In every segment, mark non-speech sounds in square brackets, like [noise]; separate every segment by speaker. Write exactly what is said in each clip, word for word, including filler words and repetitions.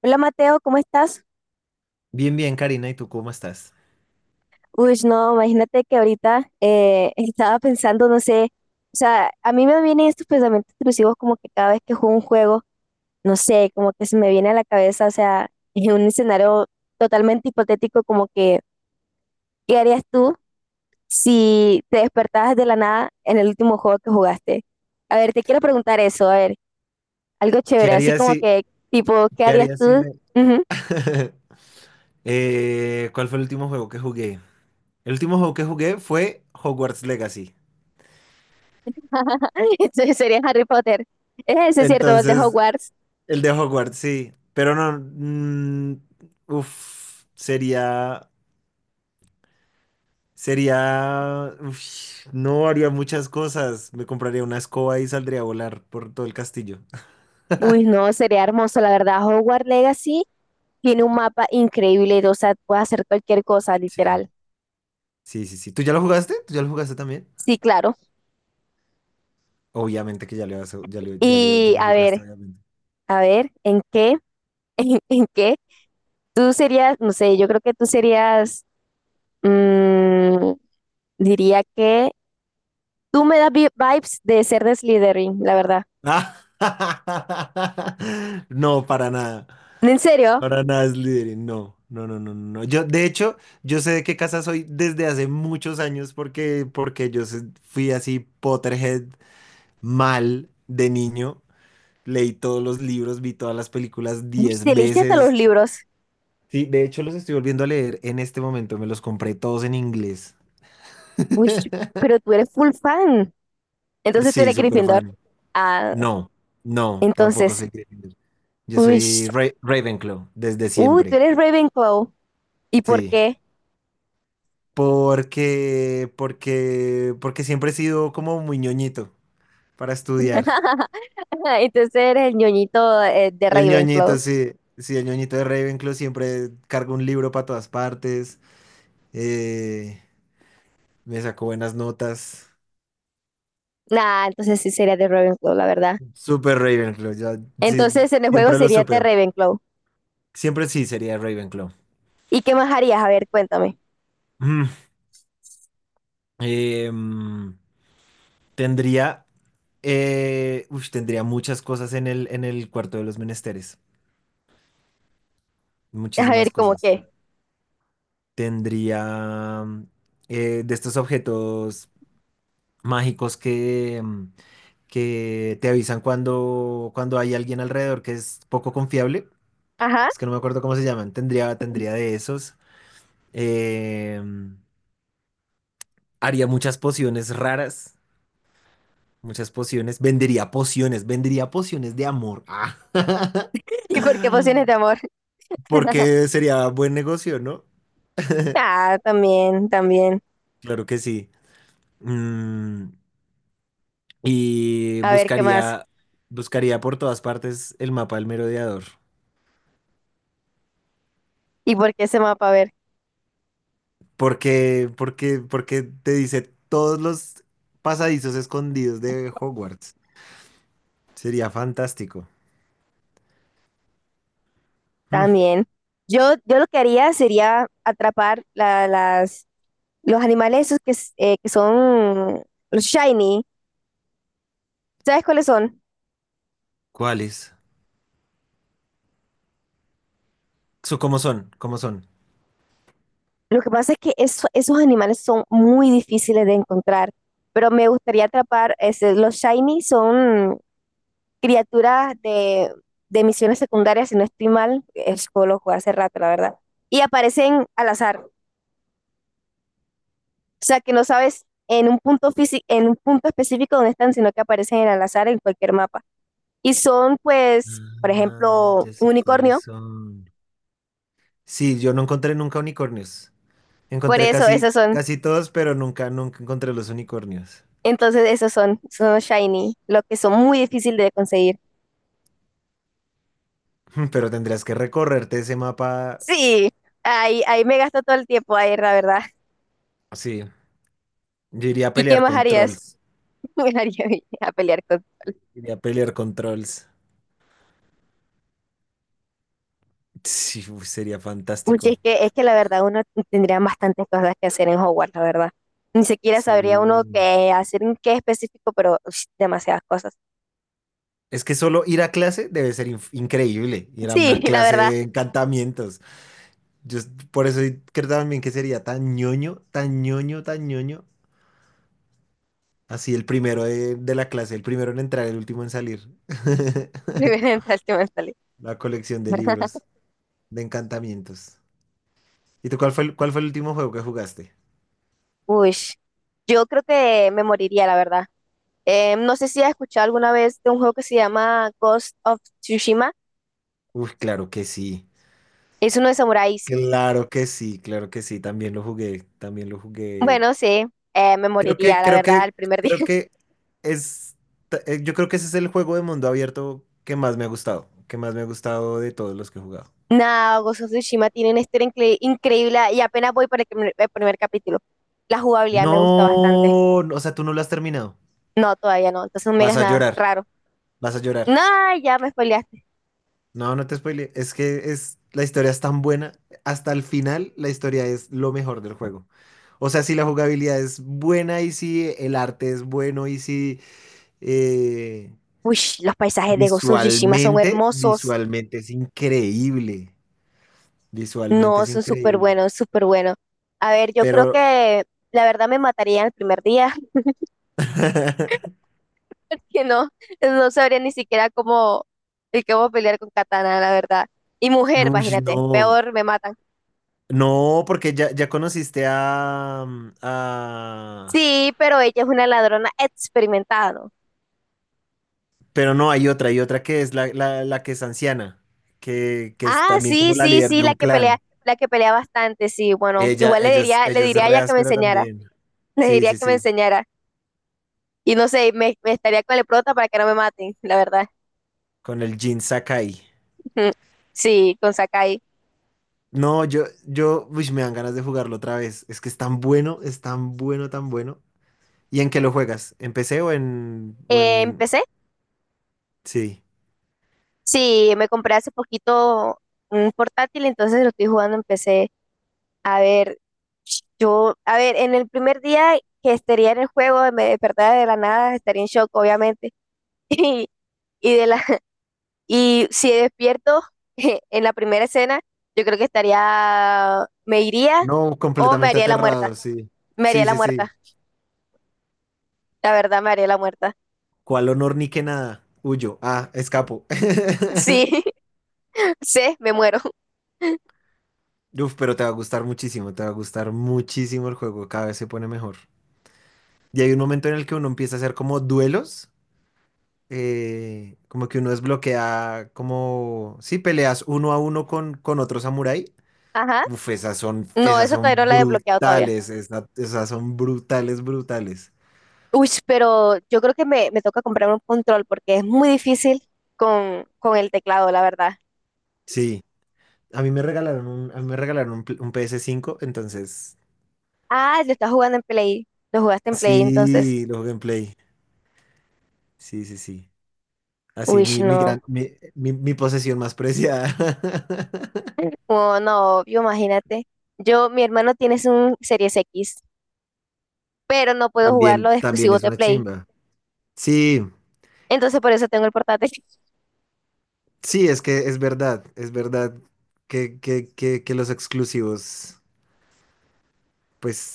Speaker 1: Hola Mateo, ¿cómo estás?
Speaker 2: Bien, bien, Karina, ¿y tú cómo estás?
Speaker 1: Uy, no, imagínate que ahorita eh, [laughs] estaba pensando, no sé, o sea, a mí me vienen estos pensamientos intrusivos como que cada vez que juego un juego, no sé, como que se me viene a la cabeza, o sea, [laughs] en un escenario totalmente hipotético, como que, ¿qué harías tú si te despertabas de la nada en el último juego que jugaste? A ver, te quiero preguntar eso, a ver, algo
Speaker 2: ¿Qué
Speaker 1: chévere, así
Speaker 2: harías
Speaker 1: como
Speaker 2: si,
Speaker 1: que, tipo, ¿qué
Speaker 2: qué
Speaker 1: harías
Speaker 2: harías si
Speaker 1: tú?
Speaker 2: me...
Speaker 1: Ujú.
Speaker 2: [laughs] Eh, ¿cuál fue el último juego que jugué? El último juego que jugué fue Hogwarts Legacy.
Speaker 1: [laughs] Entonces sería Harry Potter. Es ese, ¿cierto? El de
Speaker 2: Entonces,
Speaker 1: Hogwarts.
Speaker 2: el de Hogwarts, sí. Pero no, mm, uf, sería, sería, uf, no haría muchas cosas. Me compraría una escoba y saldría a volar por todo el castillo.
Speaker 1: Uy, no, sería hermoso, la verdad. Hogwarts Legacy tiene un mapa increíble, o sea, puedes hacer cualquier cosa,
Speaker 2: Sí.
Speaker 1: literal.
Speaker 2: Sí, sí, sí. ¿Tú ya lo jugaste? ¿Tú ya lo jugaste también?
Speaker 1: Sí, claro.
Speaker 2: Obviamente que ya lo, has- ya lo, ya lo, ya
Speaker 1: Y
Speaker 2: lo
Speaker 1: a
Speaker 2: jugaste,
Speaker 1: ver,
Speaker 2: obviamente.
Speaker 1: a ver, ¿en qué? [laughs] ¿En, en qué? Tú serías, no sé, yo creo que tú serías, mm, diría que tú me das vi- vibes de ser de Slytherin, la verdad.
Speaker 2: [laughs] No, para nada.
Speaker 1: ¿En serio?
Speaker 2: Para nada es líder. No, no, no, no, no. Yo, de hecho, yo sé de qué casa soy desde hace muchos años porque, porque yo se- fui así Potterhead mal de niño. Leí todos los libros, vi todas las películas
Speaker 1: Uy,
Speaker 2: diez
Speaker 1: te leíste hasta los
Speaker 2: veces.
Speaker 1: libros.
Speaker 2: Sí, de hecho los estoy volviendo a leer en este momento. Me los compré todos en inglés.
Speaker 1: Uy, pero tú eres full fan. Entonces tú
Speaker 2: Sí,
Speaker 1: eres
Speaker 2: súper
Speaker 1: Gryffindor.
Speaker 2: fan.
Speaker 1: Ah,
Speaker 2: No, no, tampoco
Speaker 1: entonces,
Speaker 2: soy Gryffindor. Yo
Speaker 1: uy,
Speaker 2: soy Ra- Ravenclaw desde
Speaker 1: uy, tú
Speaker 2: siempre.
Speaker 1: eres Ravenclaw. ¿Y por
Speaker 2: Sí.
Speaker 1: qué?
Speaker 2: Porque, porque, porque siempre he sido como muy ñoñito para estudiar.
Speaker 1: [laughs] Entonces eres el ñoñito eh, de
Speaker 2: El
Speaker 1: Ravenclaw.
Speaker 2: ñoñito, sí, sí, el ñoñito de Ravenclaw siempre cargo un libro para todas partes. eh, me sacó buenas notas.
Speaker 1: Nah, entonces sí sería de Ravenclaw, la verdad.
Speaker 2: Súper Ravenclaw, ya, sí,
Speaker 1: Entonces en el juego
Speaker 2: siempre lo
Speaker 1: sería de
Speaker 2: supe.
Speaker 1: Ravenclaw.
Speaker 2: Siempre sí sería Ravenclaw.
Speaker 1: ¿Y qué más harías? A ver, cuéntame.
Speaker 2: Mm, em, tendría, eh, ush, tendría muchas cosas en el, en el cuarto de los menesteres.
Speaker 1: A
Speaker 2: Muchísimas
Speaker 1: ver, ¿cómo
Speaker 2: cosas.
Speaker 1: qué?
Speaker 2: Tendría eh, de estos objetos mágicos que, mm, que te avisan cuando, cuando hay alguien alrededor que es poco confiable.
Speaker 1: Ajá.
Speaker 2: Es que no me acuerdo cómo se llaman. Tendría, tendría de esos. Eh, haría muchas pociones raras. Muchas pociones. Vendería pociones. Vendería pociones de amor. Ah. [laughs]
Speaker 1: [laughs] ¿Y por qué pociones de amor? [laughs]
Speaker 2: Porque sería buen negocio, ¿no?
Speaker 1: Ah, también, también.
Speaker 2: Claro que sí. Mm, y
Speaker 1: A ver, ¿qué más?
Speaker 2: buscaría, buscaría por todas partes el mapa del merodeador.
Speaker 1: ¿Y por qué ese mapa? A ver,
Speaker 2: Porque, porque, porque te dice todos los pasadizos escondidos de Hogwarts. Sería fantástico. Mm,
Speaker 1: también. Yo, yo lo que haría sería atrapar la- las, los animales esos que, s- eh, que son los shiny. ¿Sabes cuáles son?
Speaker 2: ¿cuáles? So, ¿cómo son? ¿Cómo son?
Speaker 1: Lo que pasa es que eso- esos animales son muy difíciles de encontrar, pero me gustaría atrapar, ese- los shiny son criaturas de, de misiones secundarias, si no estoy mal, es que lo jugué hace rato, la verdad, y aparecen al azar, o sea que no sabes en un punto físico, en un punto específico dónde están, sino que aparecen en al azar en cualquier mapa. Y son, pues, por
Speaker 2: Ah,
Speaker 1: ejemplo,
Speaker 2: ya
Speaker 1: un
Speaker 2: sé cuáles
Speaker 1: unicornio,
Speaker 2: son. Sí, yo no encontré nunca unicornios.
Speaker 1: por
Speaker 2: Encontré
Speaker 1: eso
Speaker 2: casi,
Speaker 1: esos son,
Speaker 2: casi todos, pero nunca, nunca encontré los unicornios.
Speaker 1: entonces esos son, son los shiny, los que son muy difíciles de conseguir.
Speaker 2: [laughs] Pero tendrías que recorrerte ese mapa.
Speaker 1: Sí, ahí, ahí me gasto todo el tiempo ahí, la verdad.
Speaker 2: Sí, yo iría a
Speaker 1: ¿Y qué
Speaker 2: pelear
Speaker 1: más
Speaker 2: con
Speaker 1: harías?
Speaker 2: trolls.
Speaker 1: [laughs] Me haría ir a pelear con...
Speaker 2: Sería pelear controls. Sí, uy, sería
Speaker 1: Uy, es
Speaker 2: fantástico.
Speaker 1: que, es que la verdad uno tendría bastantes cosas que hacer en Hogwarts, la verdad. Ni siquiera sabría uno
Speaker 2: Sí.
Speaker 1: qué hacer, en qué específico, pero uy, demasiadas cosas.
Speaker 2: Es que solo ir a clase debe ser inf- increíble. Ir a
Speaker 1: Sí,
Speaker 2: una
Speaker 1: [laughs] la
Speaker 2: clase
Speaker 1: verdad,
Speaker 2: de encantamientos. Yo es- por eso creo también que sería tan ñoño, tan ñoño, tan ñoño. Así el primero de, de la clase, el primero en entrar, el último en salir. [laughs]
Speaker 1: primera mental, mental.
Speaker 2: La colección de
Speaker 1: [laughs]
Speaker 2: libros de encantamientos. ¿Y tú cuál fue el, cuál fue el último juego que jugaste?
Speaker 1: Uy, yo creo que me moriría, la verdad. Eh, no sé si has escuchado alguna vez de un juego que se llama Ghost of Tsushima.
Speaker 2: Uy, claro que sí.
Speaker 1: Es uno de samuráis.
Speaker 2: Claro que sí, claro que sí. También lo jugué. También lo jugué.
Speaker 1: Bueno, sí, eh, me
Speaker 2: Creo
Speaker 1: moriría,
Speaker 2: que,
Speaker 1: la
Speaker 2: creo
Speaker 1: verdad,
Speaker 2: que,
Speaker 1: el primer [laughs]
Speaker 2: creo
Speaker 1: día.
Speaker 2: que es, ta- eh, yo creo que ese es el juego de mundo abierto que más me ha gustado, que más me ha gustado de todos los que he jugado.
Speaker 1: Nada, Ghost of Tsushima tiene una historia incre- increíble y apenas voy por el, primer el primer capítulo. La jugabilidad me gusta bastante.
Speaker 2: No, no, o sea, tú no lo has terminado.
Speaker 1: No, todavía no. Entonces no me
Speaker 2: Vas
Speaker 1: digas
Speaker 2: a
Speaker 1: nada
Speaker 2: llorar,
Speaker 1: raro.
Speaker 2: vas a llorar.
Speaker 1: No, ya me spoileaste.
Speaker 2: No, no te spoile, es que es, la historia es tan buena, hasta el final la historia es lo mejor del juego. O sea, si la jugabilidad es buena y si el arte es bueno y si eh,
Speaker 1: Uy, los paisajes de Ghost of Tsushima son
Speaker 2: visualmente,
Speaker 1: hermosos.
Speaker 2: visualmente es increíble. Visualmente
Speaker 1: No,
Speaker 2: es
Speaker 1: son súper
Speaker 2: increíble.
Speaker 1: buenos, súper buenos. A ver, yo creo
Speaker 2: Pero,
Speaker 1: que la verdad me mataría el primer día,
Speaker 2: [laughs]
Speaker 1: [laughs] que no, no sabría ni siquiera cómo, el cómo pelear con Katana, la verdad. Y mujer,
Speaker 2: uy,
Speaker 1: imagínate,
Speaker 2: no.
Speaker 1: peor me matan.
Speaker 2: No, porque ya, ya conociste a, mm, a-
Speaker 1: Sí, pero ella es una ladrona experimentada, ¿no?
Speaker 2: Pero no, hay otra, hay otra que es la, la, la que es anciana, que, que es
Speaker 1: Ah,
Speaker 2: también
Speaker 1: sí,
Speaker 2: como la
Speaker 1: sí,
Speaker 2: líder
Speaker 1: sí,
Speaker 2: de
Speaker 1: la
Speaker 2: un
Speaker 1: que pelea,
Speaker 2: clan.
Speaker 1: la que pelea bastante, sí, bueno,
Speaker 2: Ella,
Speaker 1: igual le
Speaker 2: ella, es-
Speaker 1: diría, le
Speaker 2: ella es
Speaker 1: diría a
Speaker 2: re
Speaker 1: ella que me
Speaker 2: áspera
Speaker 1: enseñara,
Speaker 2: también.
Speaker 1: [laughs] le
Speaker 2: Sí,
Speaker 1: diría
Speaker 2: sí,
Speaker 1: que me
Speaker 2: sí.
Speaker 1: enseñara. Y no sé, me, me estaría con el prota para que no me maten, la verdad.
Speaker 2: Con el Jin Sakai.
Speaker 1: [laughs] Sí, con Sakai.
Speaker 2: No, yo, yo, uy, me dan ganas de jugarlo otra vez. Es que es tan bueno, es tan bueno, tan bueno. ¿Y en qué lo juegas? ¿En P C o en, o
Speaker 1: Eh, en
Speaker 2: en...
Speaker 1: P C,
Speaker 2: Sí.
Speaker 1: sí, me compré hace poquito un portátil, entonces lo estoy jugando en P C. A ver, yo, a ver, en el primer día que estaría en el juego, me despertaba de la nada, estaría en shock, obviamente. [laughs] Y, y de la Y si despierto [laughs] en la primera escena, yo creo que estaría, me iría
Speaker 2: No,
Speaker 1: o me
Speaker 2: completamente
Speaker 1: haría la muerta.
Speaker 2: aterrado, sí.
Speaker 1: Me haría
Speaker 2: Sí,
Speaker 1: la
Speaker 2: sí, sí.
Speaker 1: muerta. La verdad, me haría la muerta. [laughs]
Speaker 2: ¿Cuál honor ni que nada? Huyo. Ah, escapo. [laughs]
Speaker 1: Sí, [laughs] sí, me muero. [laughs]
Speaker 2: Uf, pero te va a gustar muchísimo, te va a gustar muchísimo el juego, cada vez se pone mejor. Y hay un momento en el que uno empieza a hacer como duelos, eh, como que uno desbloquea, como, sí, peleas uno a uno con, con otro samurái.
Speaker 1: Ajá.
Speaker 2: Uf, esas son,
Speaker 1: No,
Speaker 2: esas
Speaker 1: eso
Speaker 2: son
Speaker 1: todavía no la he desbloqueado todavía.
Speaker 2: brutales, esa- esas son brutales, brutales.
Speaker 1: Uy, pero yo creo que me, me toca comprar un control porque es muy difícil con, con el teclado, la verdad.
Speaker 2: Sí, a mí me regalaron un, a mí me regalaron un, pl- un ps cinco entonces
Speaker 1: Ah, lo estás jugando en Play. Lo jugaste en Play, entonces.
Speaker 2: sí, los gameplay. Sí, sí, sí. Así,
Speaker 1: Uy,
Speaker 2: mi, mi
Speaker 1: no.
Speaker 2: gran, mi, mi, mi posesión más preciada. [laughs]
Speaker 1: [laughs] Oh, no, yo imagínate. Yo, mi hermano tiene un Series X pero no puedo jugar
Speaker 2: También,
Speaker 1: los
Speaker 2: también
Speaker 1: exclusivos
Speaker 2: es
Speaker 1: de
Speaker 2: una
Speaker 1: Play.
Speaker 2: chimba. Sí,
Speaker 1: Entonces por eso tengo el portátil. [laughs]
Speaker 2: sí, es que es verdad, es verdad que, que, que, que los exclusivos,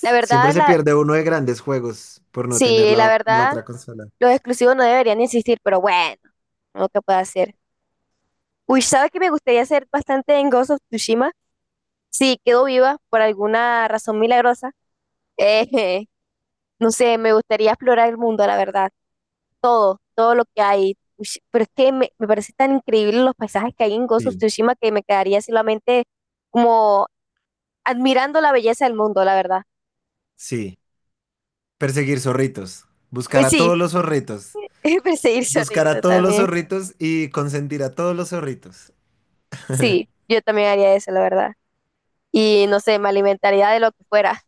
Speaker 1: La
Speaker 2: siempre
Speaker 1: verdad,
Speaker 2: se
Speaker 1: la,
Speaker 2: pierde uno de grandes juegos por no tener
Speaker 1: sí, la
Speaker 2: la, la
Speaker 1: verdad,
Speaker 2: otra consola.
Speaker 1: los exclusivos no deberían existir, pero bueno, no que puedo hacer. Uy, ¿sabes que me gustaría hacer bastante en Ghost of Tsushima? Si quedo viva por alguna razón milagrosa, eh, [laughs] no sé, me gustaría explorar el mundo, la verdad, todo, todo lo que hay. Uy, pero es que me, me parece tan increíble los paisajes que hay en Ghost of
Speaker 2: Sí,
Speaker 1: Tsushima que me quedaría solamente como admirando la belleza del mundo, la verdad.
Speaker 2: sí. Perseguir zorritos. Buscar
Speaker 1: Pues
Speaker 2: a todos
Speaker 1: sí,
Speaker 2: los zorritos.
Speaker 1: [laughs] Perseguir
Speaker 2: Buscar a
Speaker 1: solito
Speaker 2: todos los
Speaker 1: también.
Speaker 2: zorritos y consentir a todos los zorritos. [laughs]
Speaker 1: Sí, yo también haría eso, la verdad. Y no sé, me alimentaría de lo que fuera.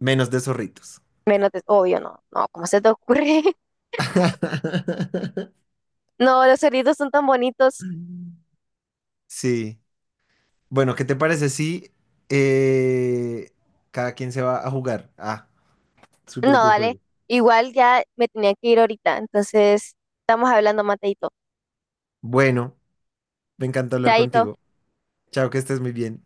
Speaker 2: Menos de zorritos.
Speaker 1: Menos de, obvio, no, no, ¿cómo se te ocurre? [laughs]
Speaker 2: [laughs]
Speaker 1: No, los cerditos son tan bonitos.
Speaker 2: Sí. Bueno, ¿qué te parece si eh, cada quien se va a jugar a su
Speaker 1: No,
Speaker 2: propio
Speaker 1: dale.
Speaker 2: juego?
Speaker 1: Igual ya me tenía que ir ahorita, entonces estamos hablando, Mateito.
Speaker 2: Bueno, me encanta hablar
Speaker 1: Chaito.
Speaker 2: contigo. Chao, que estés muy bien.